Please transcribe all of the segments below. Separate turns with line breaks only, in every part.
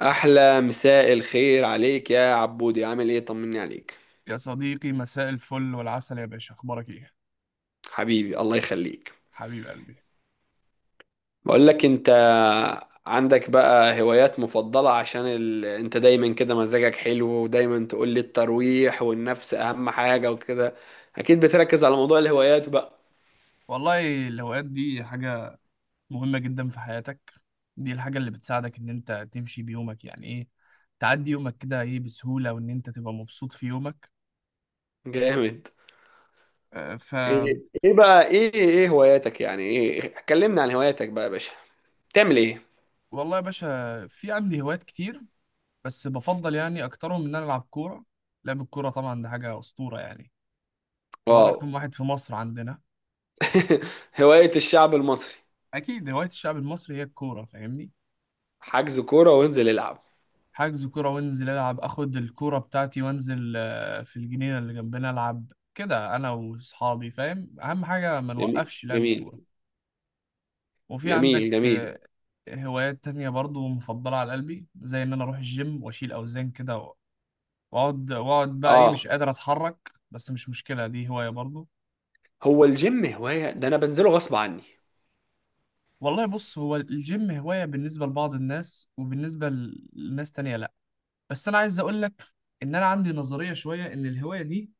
احلى مساء الخير عليك يا عبودي، عامل ايه؟ طمني عليك.
يا صديقي، مساء الفل والعسل يا باشا، اخبارك ايه؟
حبيبي، الله يخليك.
حبيب قلبي.
بقول لك انت، عندك بقى هوايات مفضلة عشان انت دايما كده مزاجك حلو، ودايما تقول لي الترويح والنفس اهم حاجة وكده. اكيد بتركز على موضوع الهوايات بقى.
والله الهوايات دي حاجة مهمة جدا في حياتك. دي الحاجة اللي بتساعدك ان انت تمشي بيومك، يعني ايه، تعدي يومك كده ايه بسهولة وان انت تبقى مبسوط في يومك.
جامد.
آه، ف
ايه بقى ايه هواياتك، يعني ايه؟ كلمنا عن هواياتك بقى يا باشا. بتعمل ايه؟
والله يا باشا في عندي هوايات كتير، بس بفضل يعني اكترهم ان انا العب كورة. لعب الكورة طبعا ده حاجة اسطورة يعني، هو
واو!
رقم واحد في مصر عندنا.
هواية الشعب المصري.
اكيد هواية الشعب المصري هي الكورة، فاهمني؟
حجز كورة وانزل العب.
حجز كورة وانزل العب، اخد الكورة بتاعتي وانزل في الجنينة اللي جنبنا، العب كده انا واصحابي، فاهم؟ اهم حاجة ما
جميل،
نوقفش لعب
جميل.
الكورة. وفي
جميل،
عندك
جميل.
هوايات تانية برضو مفضلة على قلبي، زي ان انا اروح الجيم واشيل اوزان كده، واقعد واقعد بقى ايه مش
اه.
قادر اتحرك، بس مش مشكلة دي هواية برضو.
هو الجيم هواية؟ ده انا بنزله غصب عني.
والله بص، هو الجيم هواية بالنسبة لبعض الناس، وبالنسبة لناس تانية لا. بس انا عايز اقول لك ان انا عندي نظرية شوية، ان الهواية دي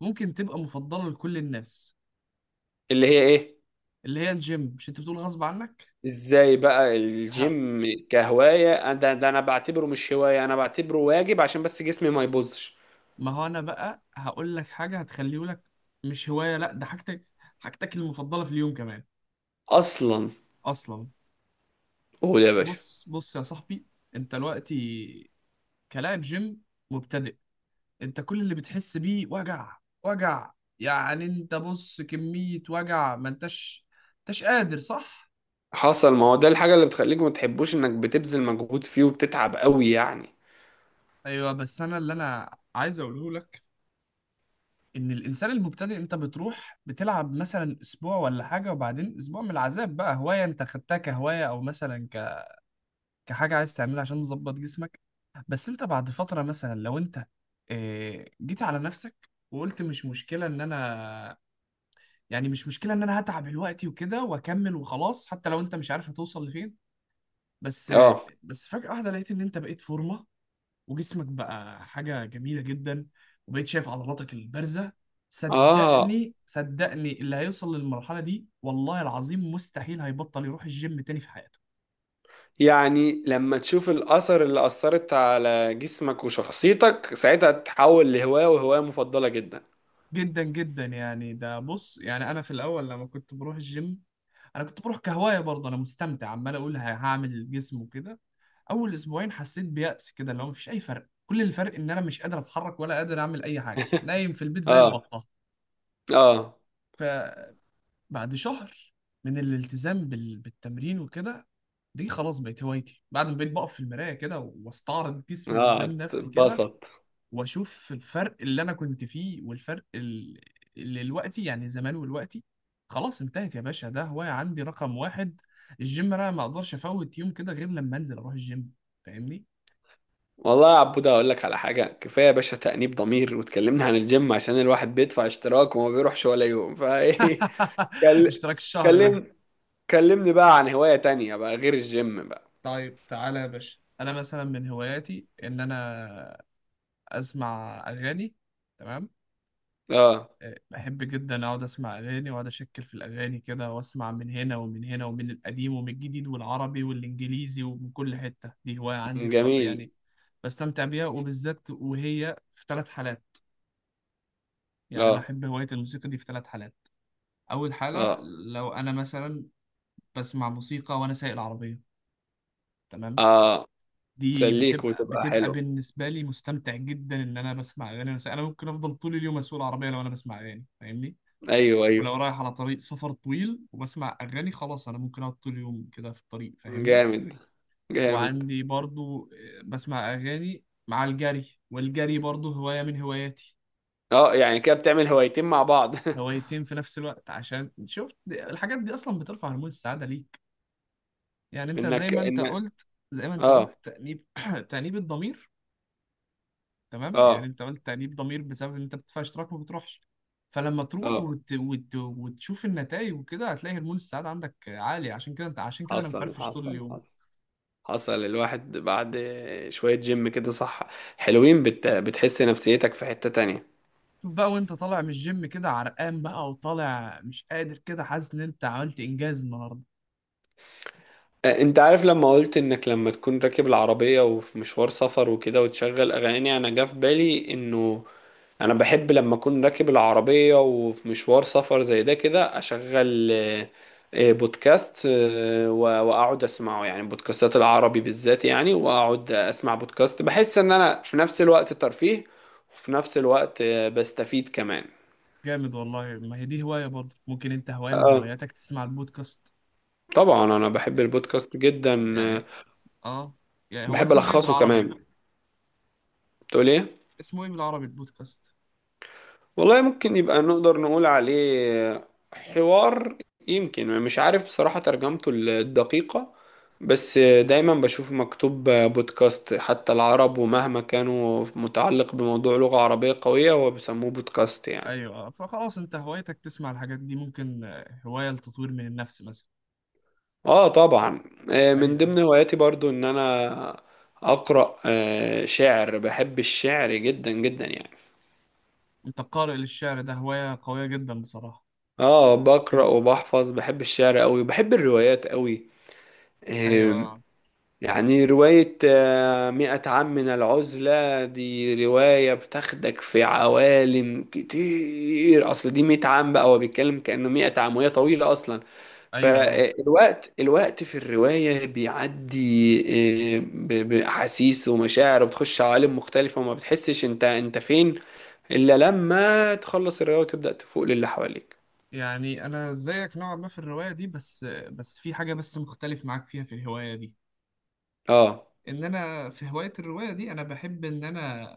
ممكن تبقى مفضلة لكل الناس.
اللي هي ايه؟
اللي هي الجيم، مش انت بتقول غصب عنك؟
ازاي بقى
ها.
الجيم كهواية؟ ده انا بعتبره مش هواية، انا بعتبره واجب عشان بس جسمي ما يبوظش.
ما هو انا بقى هقول لك حاجة هتخليه لك مش هواية، لا ده حاجتك، حاجتك المفضلة في اليوم كمان.
اصلا.
اصلا
قول يا باشا.
بص بص يا صاحبي، انت دلوقتي كلاعب جيم مبتدئ، انت كل اللي بتحس بيه وجع وجع، يعني انت بص كمية وجع، ما انتش انتش قادر، صح؟
حصل. ما هو ده الحاجة اللي بتخليك ما تحبوش انك بتبذل مجهود فيه وبتتعب قوي يعني.
ايوه، بس انا اللي انا عايز اقوله لك، ان الانسان المبتدئ انت بتروح بتلعب مثلا اسبوع ولا حاجه، وبعدين اسبوع من العذاب بقى هوايه انت خدتها كهوايه، او مثلا كحاجه عايز تعملها عشان تظبط جسمك. بس انت بعد فتره، مثلا لو انت جيت على نفسك وقلت مش مشكله ان انا، يعني مش مشكله ان انا هتعب دلوقتي وكده واكمل وخلاص، حتى لو انت مش عارف هتوصل لفين. بس آه،
اه.
بس فجاه واحده لقيت ان انت بقيت فورمه، وجسمك بقى حاجة جميلة جدا، وبقيت شايف عضلاتك البارزة.
اه.
صدقني صدقني، اللي هيوصل للمرحلة دي والله العظيم مستحيل هيبطل يروح الجيم تاني في حياته.
يعني لما تشوف الأثر اللي أثرت على جسمك وشخصيتك، ساعتها تتحول لهواية، وهواية مفضلة جدا.
جدا جدا، يعني ده بص، يعني انا في الاول لما كنت بروح الجيم، انا كنت بروح كهواية برضه، انا مستمتع عمال اقول هعمل جسم وكده. اول اسبوعين حسيت بيأس كده، اللي هو مفيش اي فرق، كل الفرق ان انا مش قادر اتحرك ولا قادر اعمل اي حاجة، نايم في البيت زي
اه.
البطة.
اه.
بعد شهر من الالتزام بالتمرين وكده، دي خلاص بقت هوايتي، بعد ما بقيت بقف في المراية كده واستعرض جسمي
اه.
قدام نفسي كده،
اتبسط.
واشوف الفرق اللي انا كنت فيه والفرق اللي دلوقتي، يعني زمان ودلوقتي. خلاص انتهت يا باشا، ده هواية عندي رقم واحد الجيم، انا ما اقدرش افوت يوم كده غير لما انزل اروح الجيم، فاهمني؟
والله يا عبود، اقول لك على حاجه، كفايه يا باشا تأنيب ضمير، واتكلمنا عن الجيم عشان الواحد بيدفع اشتراك وما بيروحش ولا يوم فايه. كل-
اشتراك الشهر ده.
كلم كلمني بقى عن هوايه تانية بقى غير الجيم بقى.
طيب تعالى يا باشا، انا مثلا من هواياتي ان انا اسمع اغاني. تمام.
اه.
بحب جدا اقعد اسمع اغاني، واقعد اشكل في الاغاني كده، واسمع من هنا ومن هنا ومن القديم ومن الجديد والعربي والانجليزي ومن كل حته. دي هوايه عندي
جميل.
يعني بستمتع بيها، وبالذات وهي في ثلاث حالات. يعني انا
اه،
احب هوايه الموسيقى دي في ثلاث حالات. اول حاله،
اه،
لو انا مثلا بسمع موسيقى وانا سايق العربيه، تمام،
اه.
دي
تسليك
بتبقى
وتبقى
بتبقى
حلو.
بالنسبه لي مستمتع جدا، ان انا بسمع اغاني وانا سايق. انا ممكن افضل طول اليوم اسوق العربيه لو انا بسمع اغاني، فاهمني؟
ايوه،
ولو
ايوه.
رايح على طريق سفر طويل وبسمع أغاني، خلاص أنا ممكن أقعد طول اليوم كده في الطريق، فاهمني؟
جامد، جامد.
وعندي برضو بسمع أغاني مع الجري، والجري برضو هواية من هواياتي.
اه، يعني كده بتعمل هوايتين مع بعض.
هوايتين في نفس الوقت، عشان شفت الحاجات دي أصلا بترفع هرمون السعادة ليك. يعني أنت زي
انك
ما أنت
انك
قلت زي ما أنت قلت
اه،
تأنيب تأنيب الضمير. تمام، يعني
اه،
أنت قلت تأنيب ضمير بسبب إن أنت بتدفع اشتراك ما بتروحش. فلما تروح
اه.
وتشوف النتائج وكده، هتلاقي هرمون السعادة عندك عالي. عشان كده انا
حصل،
مفرفش طول
حصل،
اليوم.
حصل. حصل، الواحد بعد شوية جيم كده صح، حلوين، بتحس نفسيتك في حتة تانية.
شوف بقى وانت طالع من الجيم كده عرقان بقى وطالع مش قادر كده، حاسس ان انت عملت انجاز النهارده.
انت عارف لما قلت انك لما تكون راكب العربية وفي مشوار سفر وكده وتشغل اغاني، انا جه في بالي انه انا بحب لما اكون راكب العربية وفي مشوار سفر زي ده كده اشغل بودكاست، واقعد اسمعه. يعني بودكاستات العربي بالذات، يعني واقعد اسمع بودكاست، بحس ان انا في نفس الوقت ترفيه، وفي نفس الوقت بستفيد كمان.
جامد والله. ما هي دي هواية برضه، ممكن انت هواية من
اه،
هواياتك تسمع البودكاست.
طبعا. انا بحب
يعني
البودكاست جدا
يعني اه، يعني هو
بحب
اسمه ايه
الخصه
بالعربي؟
كمان. بتقول ايه؟
اسمه ايه بالعربي البودكاست؟
والله ممكن يبقى نقدر نقول عليه حوار، يمكن. مش عارف بصراحة ترجمته الدقيقة. بس دايما بشوف مكتوب بودكاست. حتى العرب ومهما كانوا متعلق بموضوع لغة عربية قوية هو بيسموه بودكاست يعني.
ايوه آه. فخلاص انت هوايتك تسمع الحاجات دي، ممكن هواية لتطوير من النفس مثلا.
اه، طبعا. من
ايوه.
ضمن هواياتي برضو ان انا اقرأ شعر. بحب الشعر جدا جدا يعني.
انت قارئ للشعر؟ ده هواية قوية جدا بصراحة.
اه،
دي
بقرأ وبحفظ. بحب الشعر قوي، بحب الروايات قوي.
ايوه
آم،
آه.
يعني رواية مئة عام من العزلة، دي رواية بتاخدك في عوالم كتير. أصل دي 100 عام بقى، هو بيتكلم كأنه 100 عام، وهي طويلة أصلا.
ايوه آه.
فالوقت في الرواية بيعدي بأحاسيس ومشاعر، وبتخش عوالم مختلفة، وما بتحسش انت فين، إلا لما تخلص الرواية وتبدأ تفوق للي حواليك.
يعني انا زيك نوعا ما في الروايه دي، بس بس في حاجه بس مختلف معاك فيها في الهوايه دي.
اه.
ان انا في هوايه الروايه دي، انا بحب ان انا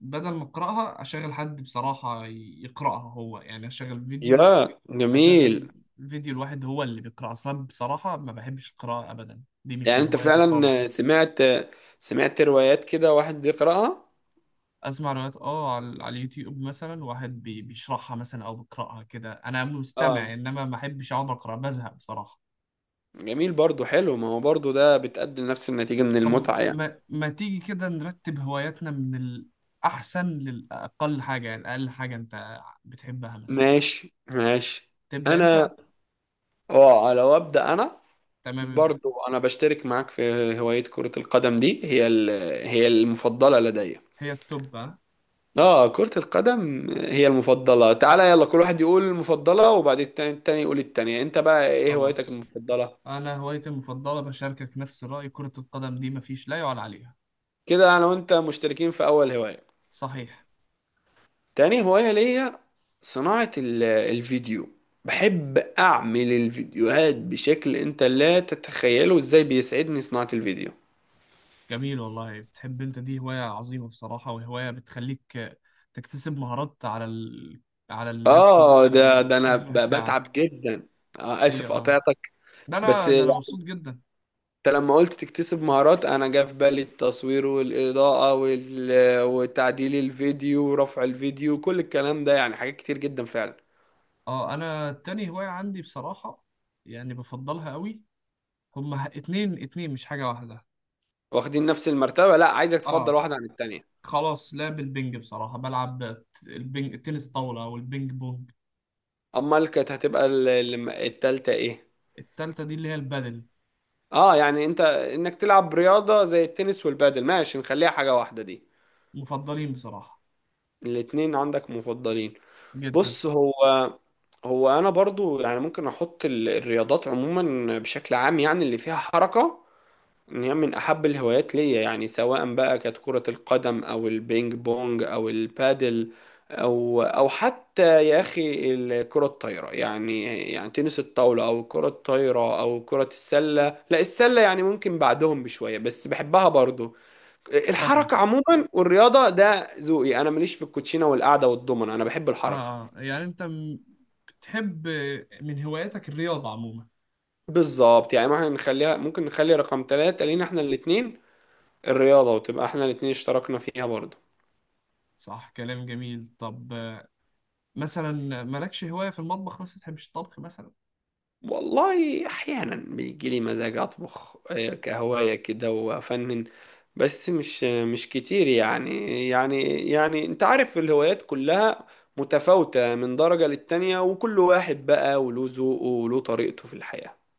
بدل ما اقراها، اشغل حد بصراحه يقراها هو، يعني اشغل فيديو.
يا
اشغل
جميل!
فيديو، الواحد هو اللي بيقرا، اصلا بصراحه ما بحبش القراءه ابدا، دي مش
يعني
من
انت
هواياتي
فعلا
خالص.
سمعت روايات كده واحد بيقرأها؟
اسمع روايات، اه، على اليوتيوب مثلا، واحد بيشرحها مثلا او بيقراها كده، انا مستمع،
اه،
انما ما احبش اقعد اقرا، بزهق بصراحه.
جميل برضو، حلو. ما هو برضو ده بتقدم نفس النتيجة من
طب
المتعة يعني.
ما تيجي كده نرتب هواياتنا من الأحسن للأقل حاجة، يعني أقل حاجة أنت بتحبها مثلا.
ماشي، ماشي.
تبدأ أنت.
انا، اه لو ابدا انا،
تمام، ابدأ.
برضو انا بشترك معاك في هواية كرة القدم، دي هي هي المفضلة لدي.
هي التوب، ها؟
اه، كرة القدم هي المفضلة. تعالى يلا، كل واحد يقول المفضلة، وبعد التاني يقول التانية. انت بقى ايه هوايتك
خلاص
المفضلة؟
أنا هوايتي المفضلة بشاركك نفس الرأي، كرة القدم دي مفيش لا يعلى عليها.
كده انا وانت مشتركين في اول هواية.
صحيح.
تاني هواية ليا، صناعة الفيديو. بحب أعمل الفيديوهات بشكل أنت لا تتخيله، إزاي بيسعدني صناعة الفيديو.
جميل والله، بتحب أنت دي هواية عظيمة بصراحة، وهواية بتخليك تكتسب مهارات على على اللابتوب،
ده أنا
الجهاز الواحد بتاعك.
بتعب جدا. آه،
أيوة
آسف،
آه.
قطعتك.
ده
بس
أنا ده أنا
أنت
مبسوط جدا.
لما قلت تكتسب مهارات، أنا جه في بالي التصوير والإضاءة وتعديل الفيديو ورفع الفيديو، كل الكلام ده يعني حاجات كتير جدا فعلا.
اه، انا تاني هواية عندي بصراحة، يعني بفضلها قوي، هما اتنين اتنين، مش حاجة واحدة.
واخدين نفس المرتبة؟ لا، عايزك تفضل
اه،
واحدة عن التانية.
خلاص، لعب البنج بصراحة، بلعب البنج تنس طاولة او البنج بونج.
أمال كانت هتبقى التالتة إيه؟
التالتة دي اللي هي البادل.
اه، يعني انك تلعب رياضة زي التنس والبادل، ماشي، نخليها حاجة واحدة دي.
مفضلين بصراحة
الاتنين عندك مفضلين.
جدا.
بص، هو انا برضو يعني ممكن احط الرياضات عموما بشكل عام، يعني اللي فيها حركة، إن هي من أحب الهوايات ليا. يعني سواء بقى كانت كرة القدم أو البينج بونج أو البادل، أو حتى يا أخي الكرة الطايرة يعني. يعني تنس الطاولة أو الكرة الطايرة أو كرة السلة. لا، السلة يعني ممكن بعدهم بشوية، بس بحبها برضو.
فاهمك.
الحركة عموما والرياضة ده ذوقي. أنا ماليش في الكوتشينة والقعدة والضمنة، أنا بحب
اه.
الحركة.
يعني انت بتحب من هواياتك الرياضة عموما.
بالظبط، يعني ممكن نخلي رقم 3 لينا احنا الاتنين، الرياضة، وتبقى احنا الاتنين اشتركنا فيها برضو.
صح، كلام جميل. طب مثلا مالكش هواية في المطبخ مثلا؟ تحبش الطبخ مثلا؟
والله احيانا بيجي لي مزاج اطبخ كهوايه كده وافنن، بس مش كتير يعني. يعني انت عارف الهوايات كلها متفاوتة من درجة للتانية، وكل واحد بقى وله ذوقه وله طريقته في الحياة.